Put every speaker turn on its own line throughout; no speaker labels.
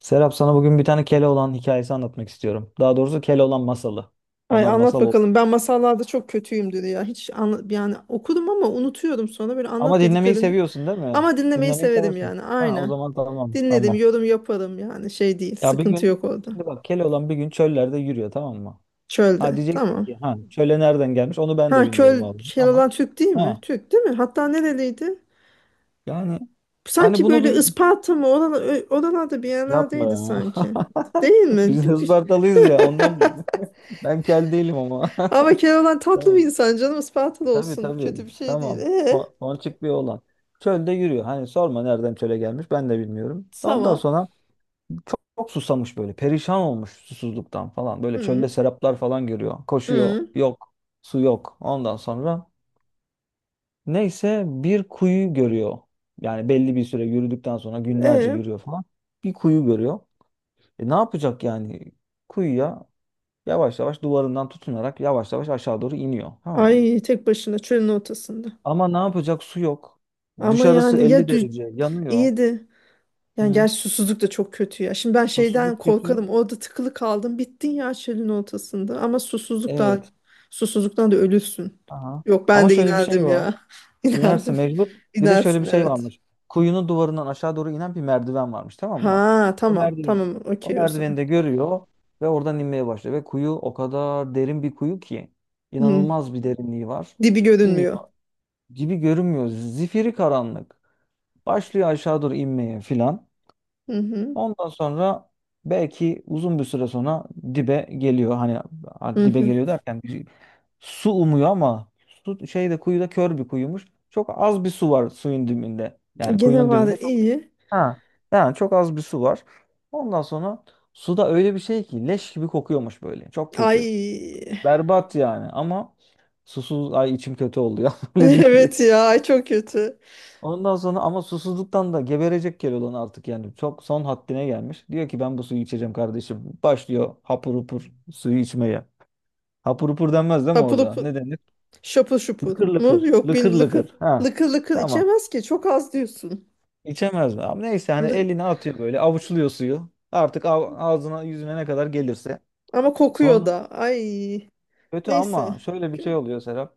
Serap sana bugün bir tane Keloğlan hikayesi anlatmak istiyorum. Daha doğrusu Keloğlan masalı.
Ay
Onlar masal
anlat
oluyor.
bakalım. Ben masallarda çok kötüyümdür ya. Hiç yani okudum ama unutuyorum sonra böyle anlat
Ama dinlemeyi
dediklerinde.
seviyorsun değil mi?
Ama dinlemeyi
Dinlemeyi
severim
seversin.
yani.
Ha, o
Aynen.
zaman tamam
Dinledim,
tamam.
yorum yaparım yani şey değil.
Ya bir
Sıkıntı
gün
yok orada.
şimdi bak Keloğlan bir gün çöllerde yürüyor, tamam mı? Ha
Çölde.
diyeceksin
Tamam.
ki ha çöle nereden gelmiş onu ben de
Ha
bilmiyorum
köl
vallahi,
şey
ama
olan Türk değil mi?
ha
Türk değil mi? Hatta nereliydi?
yani hani
Sanki
bunu
böyle
bir
Isparta mı? Oralar, oralarda bir
yapma
yerlerdeydi
ya.
sanki. Değil mi?
Biz Ispartalıyız ya ondan bu. Ben kel değilim ama.
Ama Keloğlan tatlı bir
Tamam.
insan, canım Isparta'da
Tabii
olsun.
tabii.
Kötü bir şey değil.
Tamam.
E,
Ko- Ponçik bir oğlan. Çölde yürüyor. Hani sorma nereden çöle gelmiş ben de bilmiyorum. Ondan
tamam.
sonra çok susamış böyle. Perişan olmuş susuzluktan falan. Böyle çölde
Hı.
seraplar falan görüyor. Koşuyor.
Hı.
Yok. Su yok. Ondan sonra neyse bir kuyu görüyor. Yani belli bir süre yürüdükten sonra günlerce
E,
yürüyor falan. Bir kuyu görüyor. E ne yapacak yani? Kuyuya yavaş yavaş duvarından tutunarak yavaş yavaş aşağı doğru iniyor. Tamam mı?
ay tek başına çölün ortasında.
Ama ne yapacak? Su yok.
Ama
Dışarısı
yani
50 derece. Yanıyor.
iyiydi.
Hı
Yani
hı.
gerçi susuzluk da çok kötü ya. Şimdi ben şeyden
Susuzluk kötü.
korkarım. Orada tıkılı kaldım. Bittin ya çölün ortasında. Ama susuzluk da
Evet.
susuzluktan da ölürsün.
Aha.
Yok, ben
Ama
de
şöyle bir şey
inerdim
var.
ya.
İnerse
İnerdim.
mecbur. Bir de şöyle bir
İnersin,
şey
evet.
varmış. Kuyunun duvarından aşağı doğru inen bir merdiven varmış, tamam mı?
Ha,
O
tamam.
merdiven,
Tamam,
O
okey o zaman.
merdiveni de görüyor ve oradan inmeye başlıyor. Ve kuyu o kadar derin bir kuyu ki
Hı.
inanılmaz bir derinliği var.
Dibi görünmüyor.
İniyor. Gibi görünmüyor. Zifiri karanlık. Başlıyor aşağı doğru inmeye filan.
Hı hı.
Ondan sonra belki uzun bir süre sonra dibe geliyor. Hani
Hı
a- dibe
hı.
geliyor derken bir- su umuyor ama su şeyde kuyuda kör bir kuyumuş. Çok az bir su var suyun dibinde.
E,
Yani
gene
kuyunun
var,
dibinde çok
iyi.
ha çok az bir su var. Ondan sonra suda öyle bir şey ki leş gibi kokuyormuş böyle. Çok
Ay.
kötü. Berbat yani ama susuz ay içim kötü oluyor öyle deyince.
Evet ya, ay çok kötü.
Ondan sonra ama susuzluktan da geberecek Keloğlan artık yani çok son haddine gelmiş. Diyor ki ben bu suyu içeceğim kardeşim. Başlıyor hapur hupur suyu içmeye. Hapur hupur denmez değil mi
Hapur
orada?
hapur.
Ne denir?
Şapıl şupul
Lıkır
mu?
lıkır.
Yok, bir
Lıkır
lıkır
lıkır. Ha.
lıkır lıkır
Tamam.
içemez ki. Çok az diyorsun.
İçemez mi? Ama neyse hani
Lı-
elini atıyor böyle avuçluyor suyu. Artık av- ağzına yüzüne ne kadar gelirse.
Ama kokuyor
Sonra
da. Ay.
kötü
Neyse.
ama şöyle bir şey
Gö-
oluyor Serap.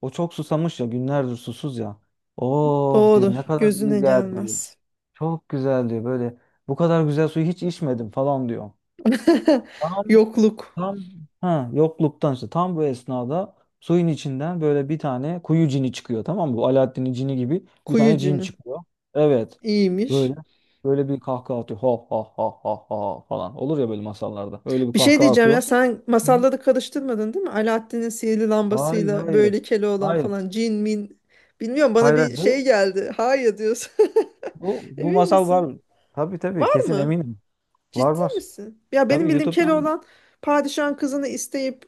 O çok susamış ya, günlerdir susuz ya. Oh diyor,
Doğru.
ne kadar
Gözüne
iyi geldi.
gelmez.
Çok güzel diyor böyle. Bu kadar güzel suyu hiç içmedim falan diyor. Tam
Yokluk.
tam ha yokluktan işte tam bu esnada suyun içinden böyle bir tane kuyu cini çıkıyor, tamam mı? Bu Alaaddin'in cini gibi bir
Kuyu
tane cin
cini.
çıkıyor. Evet. Böyle
İyiymiş.
böyle bir kahkaha atıyor. Ha ha ha ha ha falan. Olur ya böyle masallarda. Öyle bir
Bir şey
kahkaha
diyeceğim
atıyor.
ya,
Şey,
sen
Hı.
masalları karıştırmadın değil mi? Alaaddin'in sihirli
Hayır
lambasıyla
hayır.
böyle Keloğlan
Hayır.
falan, cin min bilmiyorum, bana
Hayır. hayır.
bir şey
Bu
geldi. Hayır diyorsun.
bu bu
Emin
masal
misin?
var. Tabii tabii
Var
kesin
mı?
eminim. Var
Ciddi
var.
misin? Ya benim
Tabii
bildiğim
YouTube'dan
Keloğlan padişahın kızını isteyip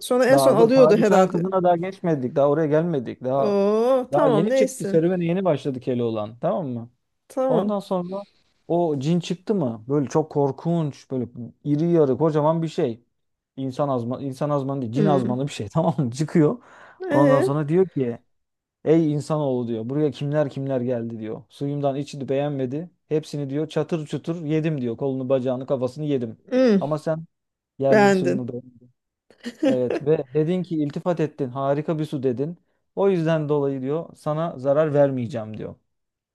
sonra en son
Daha dur,
alıyordu
padişahın
herhalde.
kızına daha geçmedik. Daha oraya gelmedik. Daha
Oo,
daha
tamam,
yeni çıktı.
neyse.
Serüvene yeni başladı Keloğlan. Tamam mı?
Tamam.
Ondan sonra o cin çıktı mı? Böyle çok korkunç. Böyle iri yarı kocaman bir şey. İnsan azman, insan azmanı değil. Cin
Hmm.
azmanı bir şey. Tamam mı? Çıkıyor. Ondan
Ee,
sonra diyor ki, Ey insanoğlu diyor. Buraya kimler kimler geldi diyor. Suyumdan içti, beğenmedi. Hepsini diyor çatır çutur yedim diyor. Kolunu bacağını kafasını yedim.
hmm.
Ama sen geldin, suyumu
Beğendin.
beğenmedin. Evet ve dedin ki iltifat ettin. Harika bir su dedin. O yüzden dolayı diyor sana zarar vermeyeceğim diyor.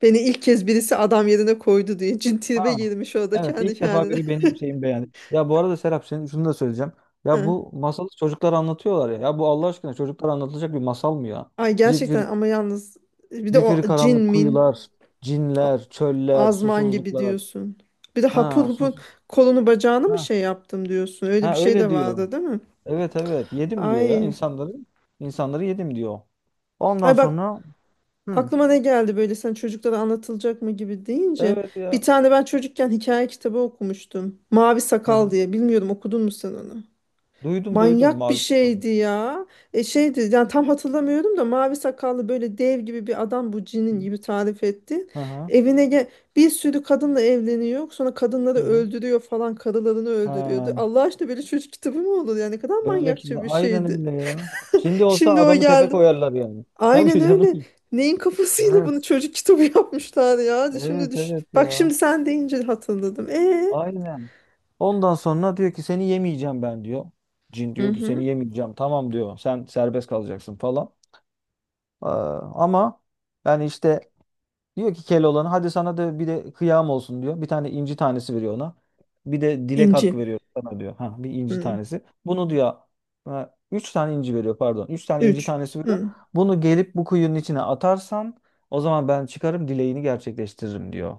Beni ilk kez birisi adam yerine koydu diye cin tribe
Ha.
girmiş orada
Evet
kendi
ilk defa
kendine.
biri benim şeyimi beğendi. Ya bu arada Serap senin şunu da söyleyeceğim. Ya
Hı.
bu masalı çocuklar anlatıyorlar ya. Ya bu Allah aşkına çocuklar anlatılacak bir masal mı ya?
Ay
Zifiri,
gerçekten, ama yalnız bir de o
Zifiri
cin
karanlık
min
kuyular,
a-
cinler, çöller,
azman gibi
susuzluklar.
diyorsun. Bir de hapur
Ha,
hapur
sus.
kolunu bacağını mı
Ha.
şey yaptım diyorsun. Öyle bir
Ha
şey de
öyle diyor.
vardı değil mi?
Evet evet yedim diyor ya
Ay.
insanları. İnsanları yedim diyor. Ondan
Ay bak,
sonra hı,
aklıma ne geldi böyle sen çocuklara anlatılacak mı gibi deyince.
evet
Bir
ya.
tane ben çocukken hikaye kitabı okumuştum. Mavi
Hı
Sakal
hı.
diye. Bilmiyorum, okudun mu sen onu?
Duydum duydum
Manyak bir
mavi sakal.
şeydi ya. E, şeydi yani, tam hatırlamıyorum da mavi sakallı böyle dev gibi bir adam, bu cinin gibi tarif etti.
Hı hı.
Evine bir sürü kadınla evleniyor. Sonra kadınları
Hı hı.
öldürüyor falan, karılarını
Ha,
öldürüyordu. Allah aşkına böyle çocuk kitabı mı olur ya, ne kadar
böyle ki
manyakça bir
aynen
şeydi.
öyle ya. Şimdi olsa
Şimdi o
adamı tepe
geldi.
koyarlar yani. Ne
Aynen
yapıyor canım?
öyle. Neyin kafasıyla bunu
Evet.
çocuk kitabı yapmışlar ya. Şimdi
Evet
düş.
evet
Bak,
ya.
şimdi sen deyince hatırladım. E.
Aynen. Ondan sonra diyor ki seni yemeyeceğim ben diyor. Cin
Hı
diyor ki
hı.
seni yemeyeceğim. Tamam diyor. Sen serbest kalacaksın falan. Ama yani işte diyor ki Keloğlan'a hadi sana da bir de kıyam olsun diyor. Bir tane inci tanesi veriyor ona. Bir de dilek hakkı
İnci.
veriyor sana diyor. Ha, bir inci
Hı.
tanesi. Bunu diyor, ha, üç tane inci veriyor pardon. Üç tane inci
Üç.
tanesi veriyor.
Hı.
Bunu gelip bu kuyunun içine atarsan o zaman ben çıkarım, dileğini gerçekleştiririm diyor.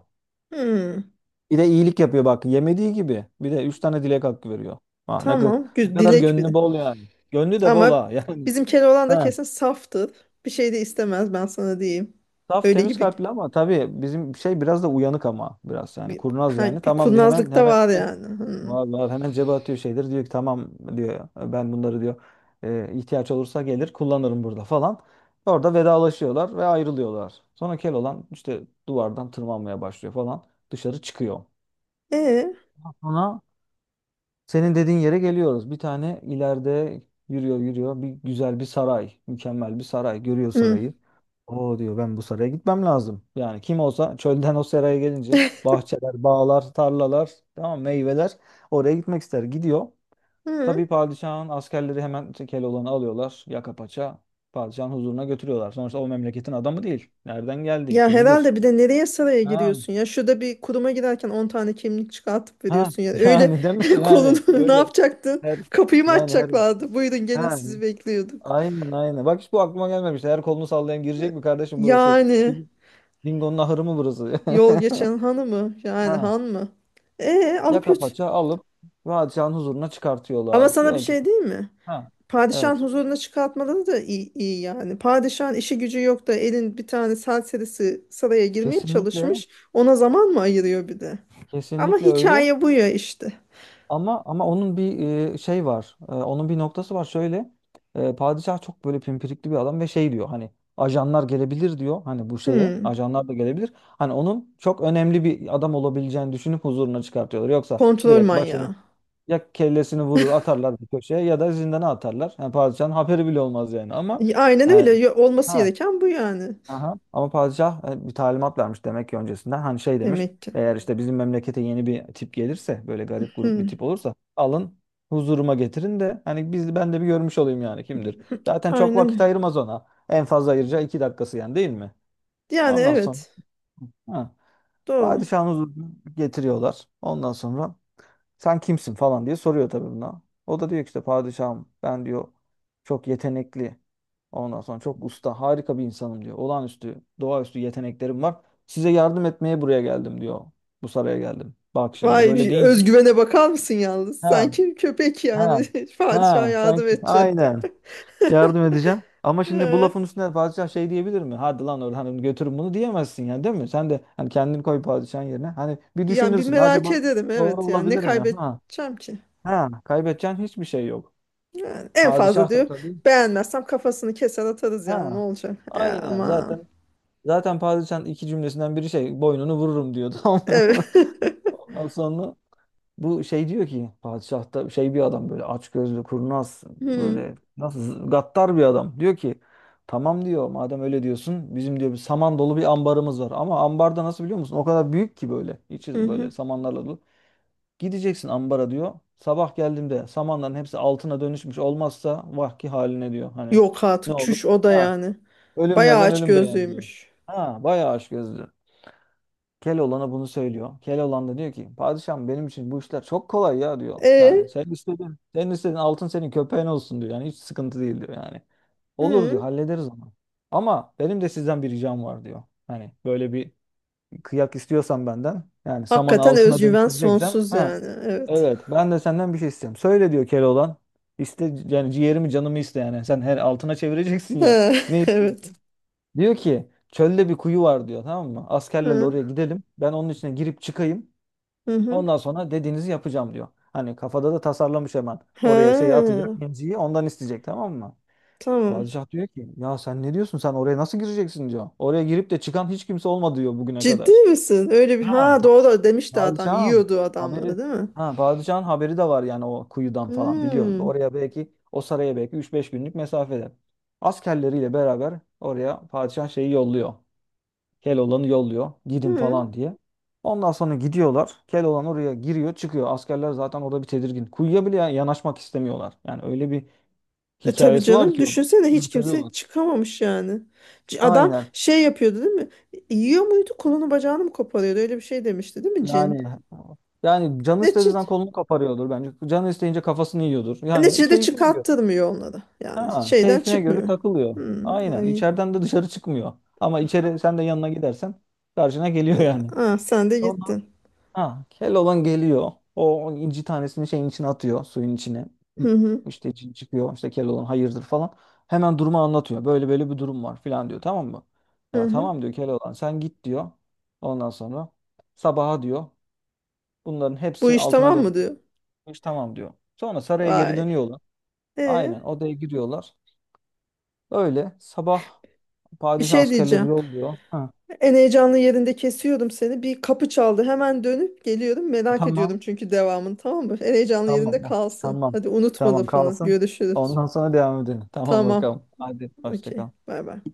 Hı.
Bir de iyilik yapıyor bak, yemediği gibi. Bir de üç tane dilek hakkı veriyor. Ha, ne, kadar,
Tamam.
ne kadar
Dilek bir
gönlü
de.
bol yani. Gönlü de bol
Ama
ha yani.
bizim Keloğlan da kesin saftır. Bir şey de istemez, ben sana diyeyim.
Saf
Öyle
temiz
gibi
kalpli ama tabii bizim şey biraz da uyanık ama biraz yani
bir,
kurnaz yani.
ha, bir
Tamam diyor, hemen
kurnazlık da
hemen
var yani. Hı.
vallahi hemen cebe atıyor şeydir. Diyor ki tamam diyor ben bunları diyor ihtiyaç olursa gelir kullanırım burada falan. Orada vedalaşıyorlar ve ayrılıyorlar. Sonra Keloğlan işte duvardan tırmanmaya başlıyor falan. Dışarı çıkıyor.
E.
Sonra senin dediğin yere geliyoruz. Bir tane ileride yürüyor yürüyor. Bir güzel bir saray. Mükemmel bir saray. Görüyor
Hı.
sarayı. O diyor ben bu saraya gitmem lazım. Yani kim olsa çölden o saraya gelince bahçeler, bağlar, tarlalar, tamam meyveler, oraya gitmek ister. Gidiyor.
Hı.
Tabii padişahın askerleri hemen Keloğlan'ı alıyorlar. Yaka paça padişahın huzuruna götürüyorlar. Sonuçta o memleketin adamı değil. Nereden geldi?
Ya
Kimdir?
herhalde, bir de nereye saraya
Ha,
giriyorsun ya? Şurada bir kuruma girerken 10 tane kimlik çıkartıp
ha
veriyorsun yani. Öyle
yani değil mi? Yani
kolunu ne
öyle.
yapacaktın?
Her,
Kapıyı mı
yani her
açacaklardı? Buyurun gelin,
ha,
sizi bekliyorduk.
Aynen aynen. Bak hiç bu aklıma gelmemişti. Her kolunu sallayan girecek mi kardeşim burası?
Yani
Ding- Dingo'nun ahırı mı burası?
yol geçen hanı mı? Yani
Ha.
han mı? E, alıp
Yaka
götür.
paça alıp padişahın huzuruna
Ama
çıkartıyorlar.
sana bir
Diyor ki
şey değil mi?
ha.
Padişahın
Evet.
huzuruna çıkartmaları da iyi, iyi yani. Padişahın işi gücü yok da elin bir tane serserisi saraya girmeye
Kesinlikle
çalışmış. Ona zaman mı ayırıyor bir de? Ama
kesinlikle öyle.
hikaye bu ya işte.
Ama onun bir şey var. Onun bir noktası var. Şöyle padişah çok böyle pimpirikli bir adam ve şey diyor hani ajanlar gelebilir diyor. Hani bu şeye
Hmm.
ajanlar da gelebilir. Hani onun çok önemli bir adam olabileceğini düşünüp huzuruna çıkartıyorlar. Yoksa
Kontrol
direkt başını,
manyağı.
ya kellesini vurur atarlar bir köşeye ya da zindana atarlar. Yani padişahın haberi bile olmaz yani ama
Aynen öyle.
yani,
Olması
ha,
gereken bu yani.
aha. Ama padişah bir talimat vermiş demek ki öncesinden. Hani şey demiş
Demek ki.
eğer işte bizim memlekete yeni bir tip gelirse böyle garip grup bir tip
Hmm.
olursa alın huzuruma getirin de hani biz ben de bir görmüş olayım yani kimdir. Zaten çok vakit
Aynen.
ayırmaz ona. En fazla ayıracağı 2 dakikası, yani değil mi?
Yani
Ondan sonra
evet.
ha.
Doğru.
Padişahın huzuruna getiriyorlar. Ondan sonra sen kimsin falan diye soruyor tabii buna. O da diyor ki işte padişahım ben diyor çok yetenekli. Ondan sonra çok usta, harika bir insanım diyor. Olağanüstü, doğaüstü yeteneklerim var. Size yardım etmeye buraya geldim diyor. Bu saraya geldim. Bak şimdi
Vay,
böyle
bir
deyince.
özgüvene bakar mısın yalnız?
Ha,
Sanki köpek
ha,
yani. Padişah
ha, sen
yardım edecek.
aynen yardım edeceğim. Ama şimdi bu
Ee,
lafın üstüne padişah şey diyebilir mi? Hadi lan Orhan'ım götürün bunu diyemezsin yani değil mi? Sen de hani kendini koy padişahın yerine. Hani bir
yani bir
düşünürsün.
merak
Acaba
ederim,
doğru
evet, yani ne
olabilir mi? Ha.
kaybedeceğim ki?
Ha, kaybedeceğin hiçbir şey yok.
Yani en fazla
Padişah da
diyor,
tabii.
beğenmezsem kafasını keser atarız, yani ne
Ha,
olacak? E,
aynen
ama
zaten padişahın iki cümlesinden biri şey boynunu vururum diyor tamam mı?
evet.
Ondan sonra bu şey diyor ki padişah da şey bir adam böyle açgözlü kurnaz
Hmm,
böyle nasıl gaddar bir adam. Diyor ki tamam diyor madem öyle diyorsun bizim diyor bir saman dolu bir ambarımız var ama ambarda nasıl biliyor musun? O kadar büyük ki böyle
hı
içi
hı.
böyle samanlarla dolu. Gideceksin ambara diyor. Sabah geldiğimde samanların hepsi altına dönüşmüş olmazsa vahki haline diyor. Hani
Yok
ne
artık,
olur?
çüş o da
Ha,
yani. Bayağı
ölümlerden
aç
ölüm beğen diyor.
gözlüymüş.
Ha, bayağı aşk gözlü. Keloğlan'a bunu söylüyor. Keloğlan da diyor ki padişahım benim için bu işler çok kolay ya diyor.
E,
Yani sen istedin, sen istedin altın senin köpeğin olsun diyor. Yani hiç sıkıntı değil diyor yani. Olur diyor
hı.
hallederiz ama. Ama benim de sizden bir ricam var diyor. Hani böyle bir kıyak istiyorsan benden yani samanı
Hakikaten
altına
özgüven
dönüştüreceksem
sonsuz
ha
yani. Evet.
evet ben de senden bir şey istiyorum. Söyle diyor Keloğlan. İste yani ciğerimi canımı iste yani. Sen her altına çevireceksin ya.
He,
Ne istiyor?
evet.
Diyor ki çölde bir kuyu var diyor tamam mı? Askerlerle
Hı,
oraya gidelim. Ben onun içine girip çıkayım.
hı hı.
Ondan sonra dediğinizi yapacağım diyor. Hani kafada da tasarlamış hemen.
Ha,
Oraya şeyi atacak, inciyi ondan isteyecek, tamam mı?
tamam.
Padişah diyor ki ya sen ne diyorsun, sen oraya nasıl gireceksin diyor. Oraya girip de çıkan hiç kimse olmadı diyor bugüne
Ciddi
kadar.
misin? Öyle bir,
Ha.
ha, doğru demişti adam.
Bağıracağım
Yiyordu
haberi
adamları değil mi?
ha Bağıracağın haberi de var yani o kuyudan falan biliyor.
Hmm.
Oraya belki o saraya belki üç beş günlük mesafede. Askerleriyle beraber oraya padişah şeyi yolluyor. Keloğlan'ı yolluyor. Gidin
Hı.
falan diye. Ondan sonra gidiyorlar. Keloğlan oraya giriyor, çıkıyor. Askerler zaten orada bir tedirgin. Kuyuya bile yanaşmak istemiyorlar. Yani öyle bir
E tabii
hikayesi var
canım,
ki onun.
düşünsene hiç kimse
Yürütüyorlar.
çıkamamış yani. Adam
Aynen.
şey yapıyordu değil mi? Yiyor muydu? Kolunu bacağını mı koparıyordu? Öyle bir şey demişti değil mi cin?
Yani yani canı
Ne
istediğinden kolunu kaparıyordur bence. Canı isteyince kafasını yiyordur. Yani
Neticede
keyfine göre.
çıkarttırmıyor onları. Yani
Ha,
şeyden
keyfine göre
çıkmıyor.
takılıyor.
Hmm,
Aynen.
ay.
İçeriden de dışarı çıkmıyor. Ama içeri sen de yanına gidersen karşına geliyor yani.
Ah, sen de
Sonra
gittin.
ha, kel olan geliyor. O inci tanesini şeyin içine atıyor. Suyun içine. Hı.
Hı hı,
İşte cin çıkıyor. İşte kel olan hayırdır falan. Hemen durumu anlatıyor. Böyle böyle bir durum var falan diyor. Tamam mı?
hı
Ya
hı.
tamam diyor kel olan. Sen git diyor. Ondan sonra sabaha diyor. Bunların
Bu
hepsi
iş
altına
tamam mı diyor.
dönmüş. Tamam diyor. Sonra saraya geri
Ay.
dönüyorlar.
E,
Aynen odaya giriyorlar. Öyle sabah
bir
padişah
şey
askerleri
diyeceğim.
yolluyor. Ha,
En heyecanlı yerinde kesiyordum seni. Bir kapı çaldı. Hemen dönüp geliyorum. Merak ediyordum
tamam.
çünkü devamını, tamam mı? En heyecanlı yerinde
Tamam.
kalsın.
Tamam.
Hadi, unutma
Tamam
lafını.
kalsın.
Görüşürüz.
Ondan sonra devam edelim. Tamam
Tamam.
bakalım. Hadi hoşça
Okey.
kal.
Bay bay.